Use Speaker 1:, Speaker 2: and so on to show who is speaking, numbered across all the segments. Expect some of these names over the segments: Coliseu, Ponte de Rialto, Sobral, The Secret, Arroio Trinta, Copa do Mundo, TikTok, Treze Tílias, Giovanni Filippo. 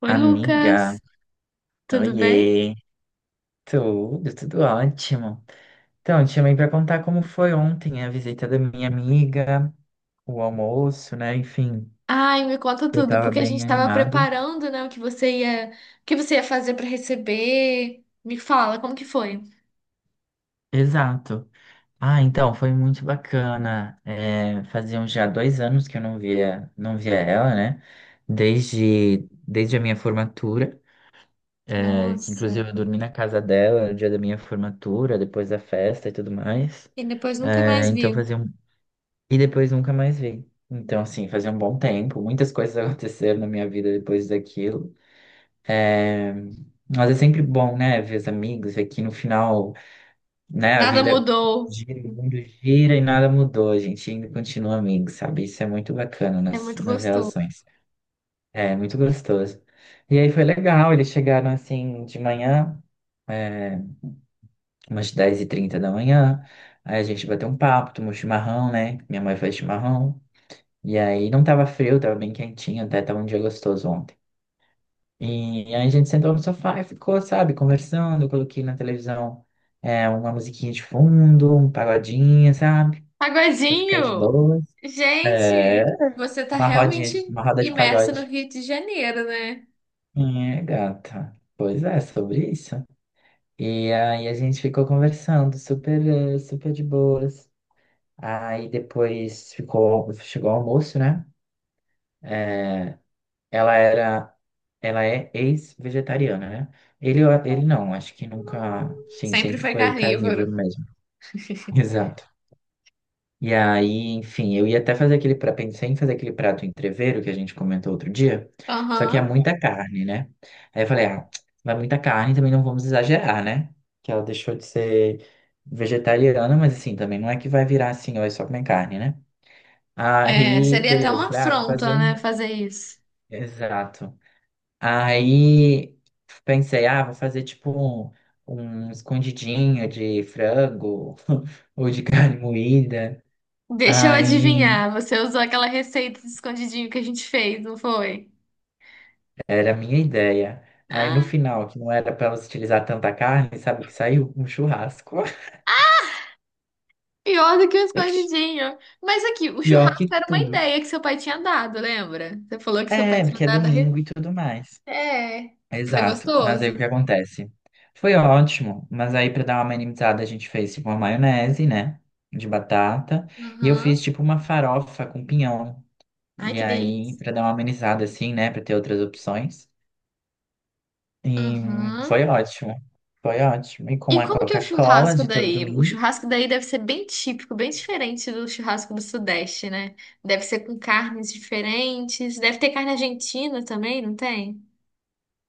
Speaker 1: Oi,
Speaker 2: Amiga,
Speaker 1: Lucas, tudo bem?
Speaker 2: oiê, tudo, tudo ótimo. Então, te chamei para contar como foi ontem a visita da minha amiga, o almoço, né? Enfim,
Speaker 1: Ai, me conta
Speaker 2: eu
Speaker 1: tudo,
Speaker 2: tava
Speaker 1: porque a gente
Speaker 2: bem
Speaker 1: estava
Speaker 2: animado.
Speaker 1: preparando, né, o que você ia fazer para receber. Me fala, como que foi?
Speaker 2: Exato. Ah, então, foi muito bacana. É, faziam já 2 anos que eu não via ela, né? Desde, desde a minha formatura, é, que
Speaker 1: Nossa,
Speaker 2: inclusive eu dormi na casa dela no dia da minha formatura, depois da festa e tudo mais.
Speaker 1: e depois nunca
Speaker 2: É,
Speaker 1: mais
Speaker 2: então
Speaker 1: viu.
Speaker 2: fazia E depois nunca mais vi. Então, assim, fazia um bom tempo, muitas coisas aconteceram na minha vida depois daquilo. É, Mas é sempre bom, né, ver os amigos, ver que no final, né, a
Speaker 1: Nada
Speaker 2: vida
Speaker 1: mudou.
Speaker 2: gira, o mundo gira e nada mudou, a gente ainda continua amigo, sabe? Isso é muito bacana
Speaker 1: É
Speaker 2: nas,
Speaker 1: muito
Speaker 2: nas
Speaker 1: gostoso.
Speaker 2: relações. É muito gostoso. E aí foi legal, eles chegaram assim de manhã, é, umas 10h30 da manhã, aí a gente bateu um papo, tomou chimarrão, né? Minha mãe faz chimarrão. E aí não tava frio, tava bem quentinho, até tava um dia gostoso ontem. E aí a gente sentou no sofá e ficou, sabe, conversando. Eu coloquei na televisão uma musiquinha de fundo, um pagodinho, sabe? Pra ficar de
Speaker 1: Pagodinho!
Speaker 2: boas. É,
Speaker 1: Gente, você tá
Speaker 2: uma
Speaker 1: realmente
Speaker 2: rodinha, uma roda de
Speaker 1: imersa no
Speaker 2: pagode.
Speaker 1: Rio de Janeiro, né?
Speaker 2: É, gata. Pois é, sobre isso. E aí a gente ficou conversando, super de boas. Aí depois ficou, chegou o almoço, né? É, Ela era, ela é ex-vegetariana, né? Ele não, acho que nunca, sim,
Speaker 1: Sempre
Speaker 2: sempre
Speaker 1: foi
Speaker 2: foi
Speaker 1: carnívoro.
Speaker 2: carnívoro mesmo. Exato. E aí, enfim, eu ia até fazer aquele prato, pensei em fazer aquele prato entrevero que a gente comentou outro dia, só que é
Speaker 1: Aham.
Speaker 2: muita carne, né? Aí eu falei, ah, vai muita carne, também não vamos exagerar, né? Que ela deixou de ser vegetariana, mas assim, também não é que vai virar assim, ó, é só comer carne, né?
Speaker 1: É,
Speaker 2: Aí,
Speaker 1: seria até
Speaker 2: beleza,
Speaker 1: uma
Speaker 2: falei, ah, vou fazer
Speaker 1: afronta,
Speaker 2: um.
Speaker 1: né, fazer isso.
Speaker 2: Exato. Aí pensei, ah, vou fazer tipo um escondidinho de frango ou de carne moída.
Speaker 1: Deixa eu
Speaker 2: Aí
Speaker 1: adivinhar, você usou aquela receita de escondidinho que a gente fez, não foi?
Speaker 2: era a minha ideia. Aí no
Speaker 1: Ah,
Speaker 2: final, que não era para elas utilizar tanta carne, sabe o que saiu? Um churrasco.
Speaker 1: pior do que o escondidinho. Mas aqui, o
Speaker 2: Pior
Speaker 1: churrasco
Speaker 2: que
Speaker 1: era uma
Speaker 2: tudo.
Speaker 1: ideia que seu pai tinha dado, lembra? Você falou que seu pai
Speaker 2: É,
Speaker 1: tinha
Speaker 2: porque é
Speaker 1: dado a receita.
Speaker 2: domingo e tudo mais.
Speaker 1: É, foi
Speaker 2: Exato. Mas aí
Speaker 1: gostoso?
Speaker 2: o que acontece? Foi ótimo, mas aí para dar uma minimizada a gente fez tipo uma maionese, né? De batata. E eu
Speaker 1: Aham.
Speaker 2: fiz tipo uma farofa com pinhão.
Speaker 1: Ai,
Speaker 2: E
Speaker 1: que
Speaker 2: aí, pra
Speaker 1: delícia.
Speaker 2: dar uma amenizada assim, né? Pra ter outras opções. E
Speaker 1: Aham.
Speaker 2: foi ótimo. Foi ótimo. E
Speaker 1: E
Speaker 2: com a
Speaker 1: como que é o
Speaker 2: Coca-Cola
Speaker 1: churrasco
Speaker 2: de todo
Speaker 1: daí? O
Speaker 2: domingo.
Speaker 1: churrasco daí deve ser bem típico, bem diferente do churrasco do Sudeste, né? Deve ser com carnes diferentes. Deve ter carne argentina também, não tem?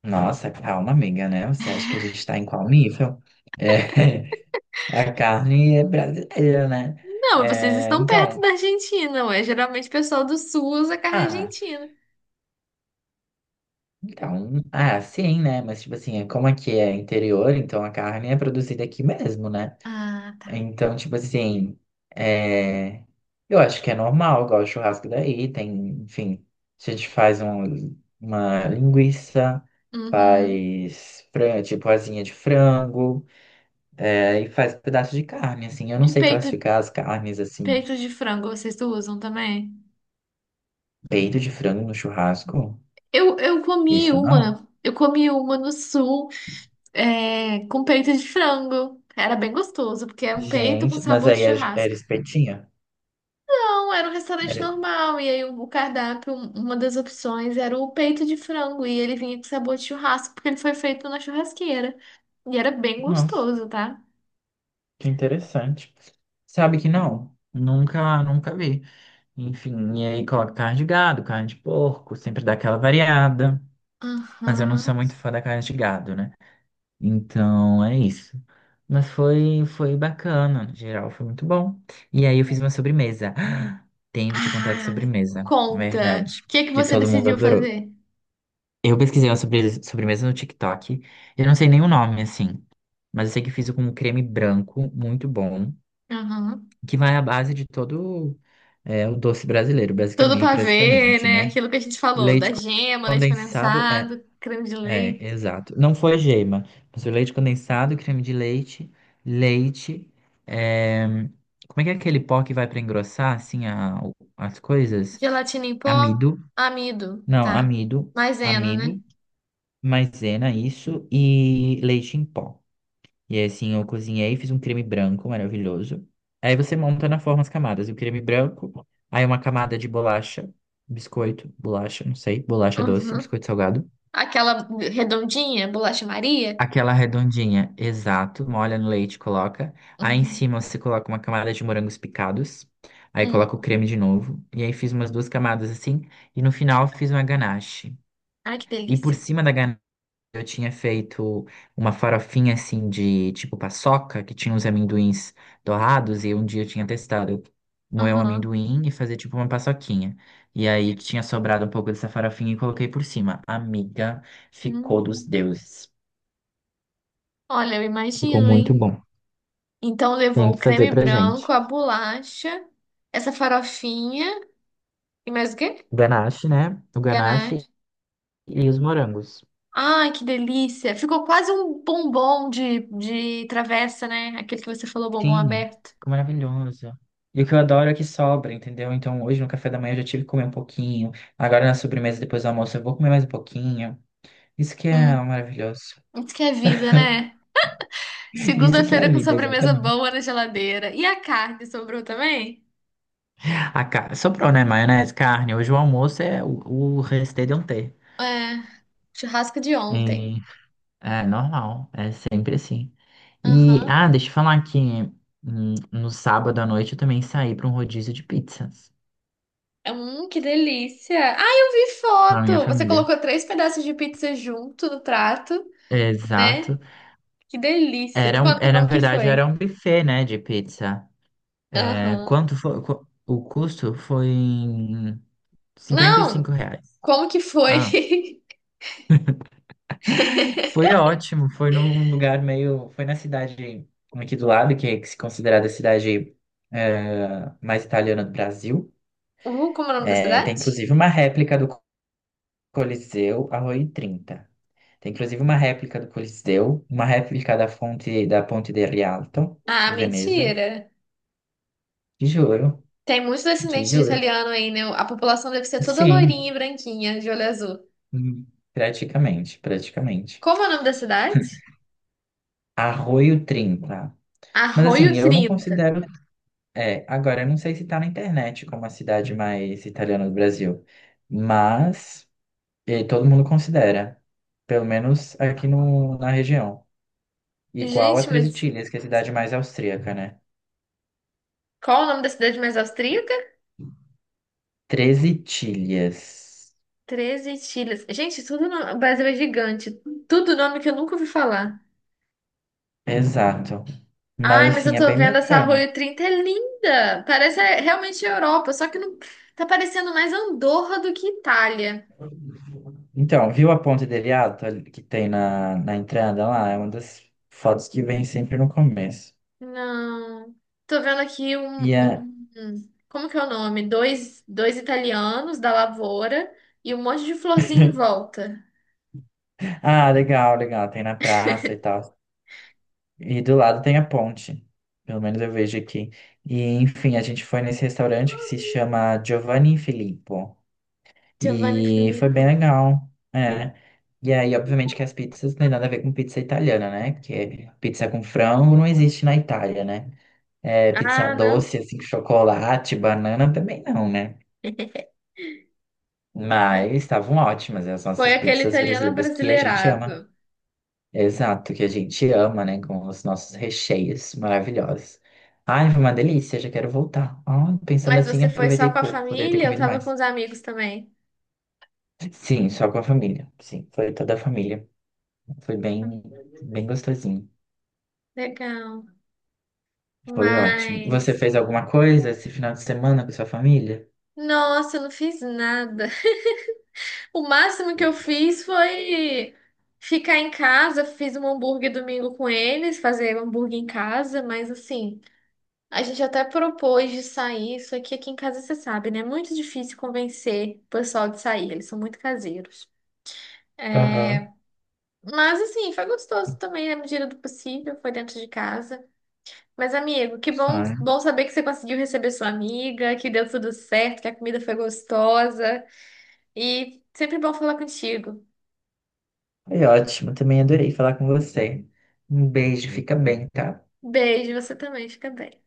Speaker 2: Nossa, calma, amiga, né? Você acha que a gente tá em qual nível? É, a carne é brasileira, né?
Speaker 1: Não, vocês
Speaker 2: É,
Speaker 1: estão perto da Argentina, ué. Geralmente o pessoal do sul usa carne
Speaker 2: ah,
Speaker 1: argentina.
Speaker 2: então, ah, sim, né? Mas, tipo assim, é como aqui é interior, então a carne é produzida aqui mesmo, né?
Speaker 1: Ah, tá.
Speaker 2: Então, tipo assim, é, eu acho que é normal, igual o churrasco daí, tem, enfim, a gente faz uma linguiça,
Speaker 1: Uhum.
Speaker 2: faz tipo asinha de frango, é, e faz um pedaço de carne, assim, eu não
Speaker 1: E
Speaker 2: sei
Speaker 1: peito,
Speaker 2: classificar as carnes, assim,
Speaker 1: peito de frango, vocês usam também?
Speaker 2: peito de frango no churrasco,
Speaker 1: Eu comi
Speaker 2: isso não?
Speaker 1: uma, no sul, é, com peito de frango. Era bem gostoso, porque é um peito com
Speaker 2: Gente, mas
Speaker 1: sabor de
Speaker 2: aí era
Speaker 1: churrasco.
Speaker 2: espetinha?
Speaker 1: Não, era um restaurante
Speaker 2: Era...
Speaker 1: normal, e aí o cardápio, uma das opções era o peito de frango, e ele vinha com sabor de churrasco, porque ele foi feito na churrasqueira. E era bem
Speaker 2: Nossa,
Speaker 1: gostoso, tá?
Speaker 2: que interessante. Sabe que não? Nunca vi. Enfim, e aí coloco carne de gado, carne de porco, sempre dá aquela variada. Mas eu não sou
Speaker 1: Aham.
Speaker 2: muito fã da carne de gado, né? Então é isso. Mas foi bacana, no geral, foi muito bom. E aí eu fiz uma sobremesa. Tenho que te contar de
Speaker 1: Ah,
Speaker 2: sobremesa,
Speaker 1: conta.
Speaker 2: verdade.
Speaker 1: O que é que
Speaker 2: Que
Speaker 1: você
Speaker 2: todo mundo
Speaker 1: decidiu
Speaker 2: adorou.
Speaker 1: fazer?
Speaker 2: Eu pesquisei uma sobremesa no TikTok. Eu não sei nem o nome, assim. Mas eu sei que fiz com um creme branco muito bom,
Speaker 1: Aham.
Speaker 2: que vai à base de todo o doce brasileiro,
Speaker 1: Todo
Speaker 2: basicamente,
Speaker 1: ver
Speaker 2: praticamente,
Speaker 1: né?
Speaker 2: né?
Speaker 1: Aquilo que a gente falou,
Speaker 2: Leite
Speaker 1: da gema, leite
Speaker 2: condensado,
Speaker 1: condensado, creme de leite,
Speaker 2: é, exato. Não foi gema, mas o leite condensado, creme de leite, leite. é, Como é que é aquele pó que vai para engrossar, assim, as coisas?
Speaker 1: gelatina em pó,
Speaker 2: Amido,
Speaker 1: amido,
Speaker 2: não,
Speaker 1: tá?
Speaker 2: amido,
Speaker 1: Maisena, né?
Speaker 2: amido, maisena, isso, e leite em pó. E aí, assim, eu cozinhei, fiz um creme branco maravilhoso. Aí você monta na forma as camadas. E o creme branco, aí uma camada de bolacha, biscoito, bolacha, não sei, bolacha doce,
Speaker 1: Uhum.
Speaker 2: biscoito salgado.
Speaker 1: Aquela redondinha, bolacha Maria.
Speaker 2: Aquela redondinha, exato. Molha no leite, coloca. Aí em
Speaker 1: Uhum.
Speaker 2: cima você coloca uma camada de morangos picados. Aí coloca o
Speaker 1: Uhum.
Speaker 2: creme de novo. E aí fiz umas duas camadas assim. E no final fiz uma ganache.
Speaker 1: Ai, que
Speaker 2: E por
Speaker 1: delícia.
Speaker 2: cima da ganache eu tinha feito uma farofinha assim de tipo paçoca, que tinha uns amendoins dourados. E um dia eu tinha testado moer o
Speaker 1: Uhum.
Speaker 2: amendoim e fazer tipo uma paçoquinha. E aí tinha sobrado um pouco dessa farofinha e coloquei por cima. Amiga, ficou dos
Speaker 1: Hum.
Speaker 2: deuses.
Speaker 1: Olha, eu
Speaker 2: Ficou
Speaker 1: imagino,
Speaker 2: muito
Speaker 1: hein?
Speaker 2: bom.
Speaker 1: Então
Speaker 2: Tem
Speaker 1: levou
Speaker 2: que
Speaker 1: o
Speaker 2: fazer
Speaker 1: creme
Speaker 2: pra gente.
Speaker 1: branco, a bolacha, essa farofinha e mais o quê?
Speaker 2: O ganache, né? O
Speaker 1: Ganache.
Speaker 2: ganache e os morangos.
Speaker 1: Ai, que delícia. Ficou quase um bombom de travessa, né? Aquele que você falou, bombom
Speaker 2: Sim,
Speaker 1: aberto.
Speaker 2: ficou maravilhoso. E o que eu adoro é que sobra, entendeu? Então hoje no café da manhã eu já tive que comer um pouquinho. Agora na sobremesa, depois do almoço, eu vou comer mais um pouquinho. Isso que é
Speaker 1: Hum,
Speaker 2: maravilhoso.
Speaker 1: isso que é vida, né?
Speaker 2: Isso que é
Speaker 1: Segunda-feira
Speaker 2: a
Speaker 1: com
Speaker 2: vida,
Speaker 1: sobremesa
Speaker 2: exatamente.
Speaker 1: boa na geladeira. E a carne sobrou também?
Speaker 2: A ca... Sobrou, né? Maionese, carne. Hoje o almoço é o restê de um ter.
Speaker 1: É, churrasco de ontem.
Speaker 2: É normal, é sempre assim. E,
Speaker 1: Aham.
Speaker 2: ah, deixa eu falar que no sábado à noite eu também saí para um rodízio de pizzas
Speaker 1: Que delícia. Ai, eu vi
Speaker 2: com a minha
Speaker 1: foto. Você
Speaker 2: família.
Speaker 1: colocou três pedaços de pizza junto no prato, né?
Speaker 2: Exato.
Speaker 1: Que delícia. Me
Speaker 2: Era,
Speaker 1: conta
Speaker 2: é, na
Speaker 1: como que
Speaker 2: verdade,
Speaker 1: foi.
Speaker 2: era um buffet, né, de pizza. É,
Speaker 1: Aham.
Speaker 2: quanto foi, o custo foi em 55
Speaker 1: Não,
Speaker 2: reais.
Speaker 1: como que foi?
Speaker 2: Ah, foi ótimo, foi num lugar meio, foi na cidade aqui do lado, que é que se considerada a cidade mais italiana do Brasil.
Speaker 1: Como é o nome da
Speaker 2: É, tem
Speaker 1: cidade?
Speaker 2: inclusive uma réplica do Coliseu, Arroio Trinta. Tem inclusive uma réplica do Coliseu, uma réplica da fonte da Ponte de Rialto,
Speaker 1: Ah,
Speaker 2: de Veneza.
Speaker 1: mentira.
Speaker 2: De juro,
Speaker 1: Tem muitos
Speaker 2: de
Speaker 1: descendentes de
Speaker 2: juro.
Speaker 1: italiano aí, né? A população deve ser toda
Speaker 2: Sim,
Speaker 1: loirinha e branquinha, de olho azul.
Speaker 2: hum, praticamente, praticamente.
Speaker 1: Como é o nome da cidade?
Speaker 2: Arroio Trinta. Mas
Speaker 1: Arroio
Speaker 2: assim, eu não
Speaker 1: Trinta.
Speaker 2: considero. É, agora, eu não sei se tá na internet como a cidade mais italiana do Brasil, mas todo mundo considera, pelo menos aqui no, na região. Igual a
Speaker 1: Gente,
Speaker 2: Treze
Speaker 1: mas
Speaker 2: Tílias, que é a cidade mais austríaca, né?
Speaker 1: qual é o nome da cidade mais austríaca?
Speaker 2: Treze tilhas.
Speaker 1: 13 Tilhas. Gente, tudo no... o Brasil é gigante. Tudo nome que eu nunca ouvi falar.
Speaker 2: Exato.
Speaker 1: Ai,
Speaker 2: Mas
Speaker 1: mas eu
Speaker 2: assim, é
Speaker 1: tô
Speaker 2: bem
Speaker 1: vendo essa
Speaker 2: bacana.
Speaker 1: Arroio Trinta é linda. Parece é, realmente a Europa, só que não... tá parecendo mais Andorra do que Itália.
Speaker 2: Então, viu a ponte de Rialto ali que tem na entrada lá? É uma das fotos que vem sempre no começo.
Speaker 1: Não. Tô vendo aqui
Speaker 2: E é...
Speaker 1: como que é o nome? Dois italianos da lavoura e um monte de florzinha em volta.
Speaker 2: Ah, legal, legal. Tem na praça e tal. E do lado tem a ponte. Pelo menos eu vejo aqui. E, enfim, a gente foi nesse restaurante que se chama Giovanni Filippo.
Speaker 1: Giovanni
Speaker 2: E foi bem
Speaker 1: Filippo.
Speaker 2: legal. É. E aí, obviamente, que as pizzas não tem nada a ver com pizza italiana, né? Porque pizza com frango não existe na Itália, né? É, pizza
Speaker 1: Ah, não.
Speaker 2: doce, assim, com chocolate, banana também não, né?
Speaker 1: Hum,
Speaker 2: Mas estavam ótimas as
Speaker 1: foi
Speaker 2: nossas
Speaker 1: aquele
Speaker 2: pizzas
Speaker 1: italiano
Speaker 2: brasileiras que a gente ama.
Speaker 1: brasileirado.
Speaker 2: Exato, que a gente ama, né? Com os nossos recheios maravilhosos. Ai, foi uma delícia, já quero voltar. Ah, pensando
Speaker 1: Mas
Speaker 2: assim,
Speaker 1: você foi
Speaker 2: aproveitei
Speaker 1: só com a
Speaker 2: pouco, poderia ter
Speaker 1: família? Eu
Speaker 2: comido
Speaker 1: tava com
Speaker 2: mais.
Speaker 1: os amigos também.
Speaker 2: Sim, só com a família. Sim, foi toda a família. Foi bem, bem gostosinho.
Speaker 1: Legal.
Speaker 2: Foi ótimo. Você
Speaker 1: Mas,
Speaker 2: fez alguma coisa esse final de semana com sua família?
Speaker 1: nossa, eu não fiz nada. O máximo que eu fiz foi ficar em casa. Fiz um hambúrguer domingo com eles, fazer hambúrguer em casa, mas assim, a gente até propôs de sair. Isso aqui, aqui em casa você sabe, né? É muito difícil convencer o pessoal de sair, eles são muito caseiros.
Speaker 2: Aham.
Speaker 1: Mas assim, foi gostoso também, na medida do possível, foi dentro de casa. Mas, amigo, que bom,
Speaker 2: Ah,
Speaker 1: bom saber que você conseguiu receber sua amiga, que deu tudo certo, que a comida foi gostosa. E sempre bom falar contigo.
Speaker 2: é ótimo. Também adorei falar com você. Um beijo, fica bem, tá?
Speaker 1: Beijo, você também, fica bem.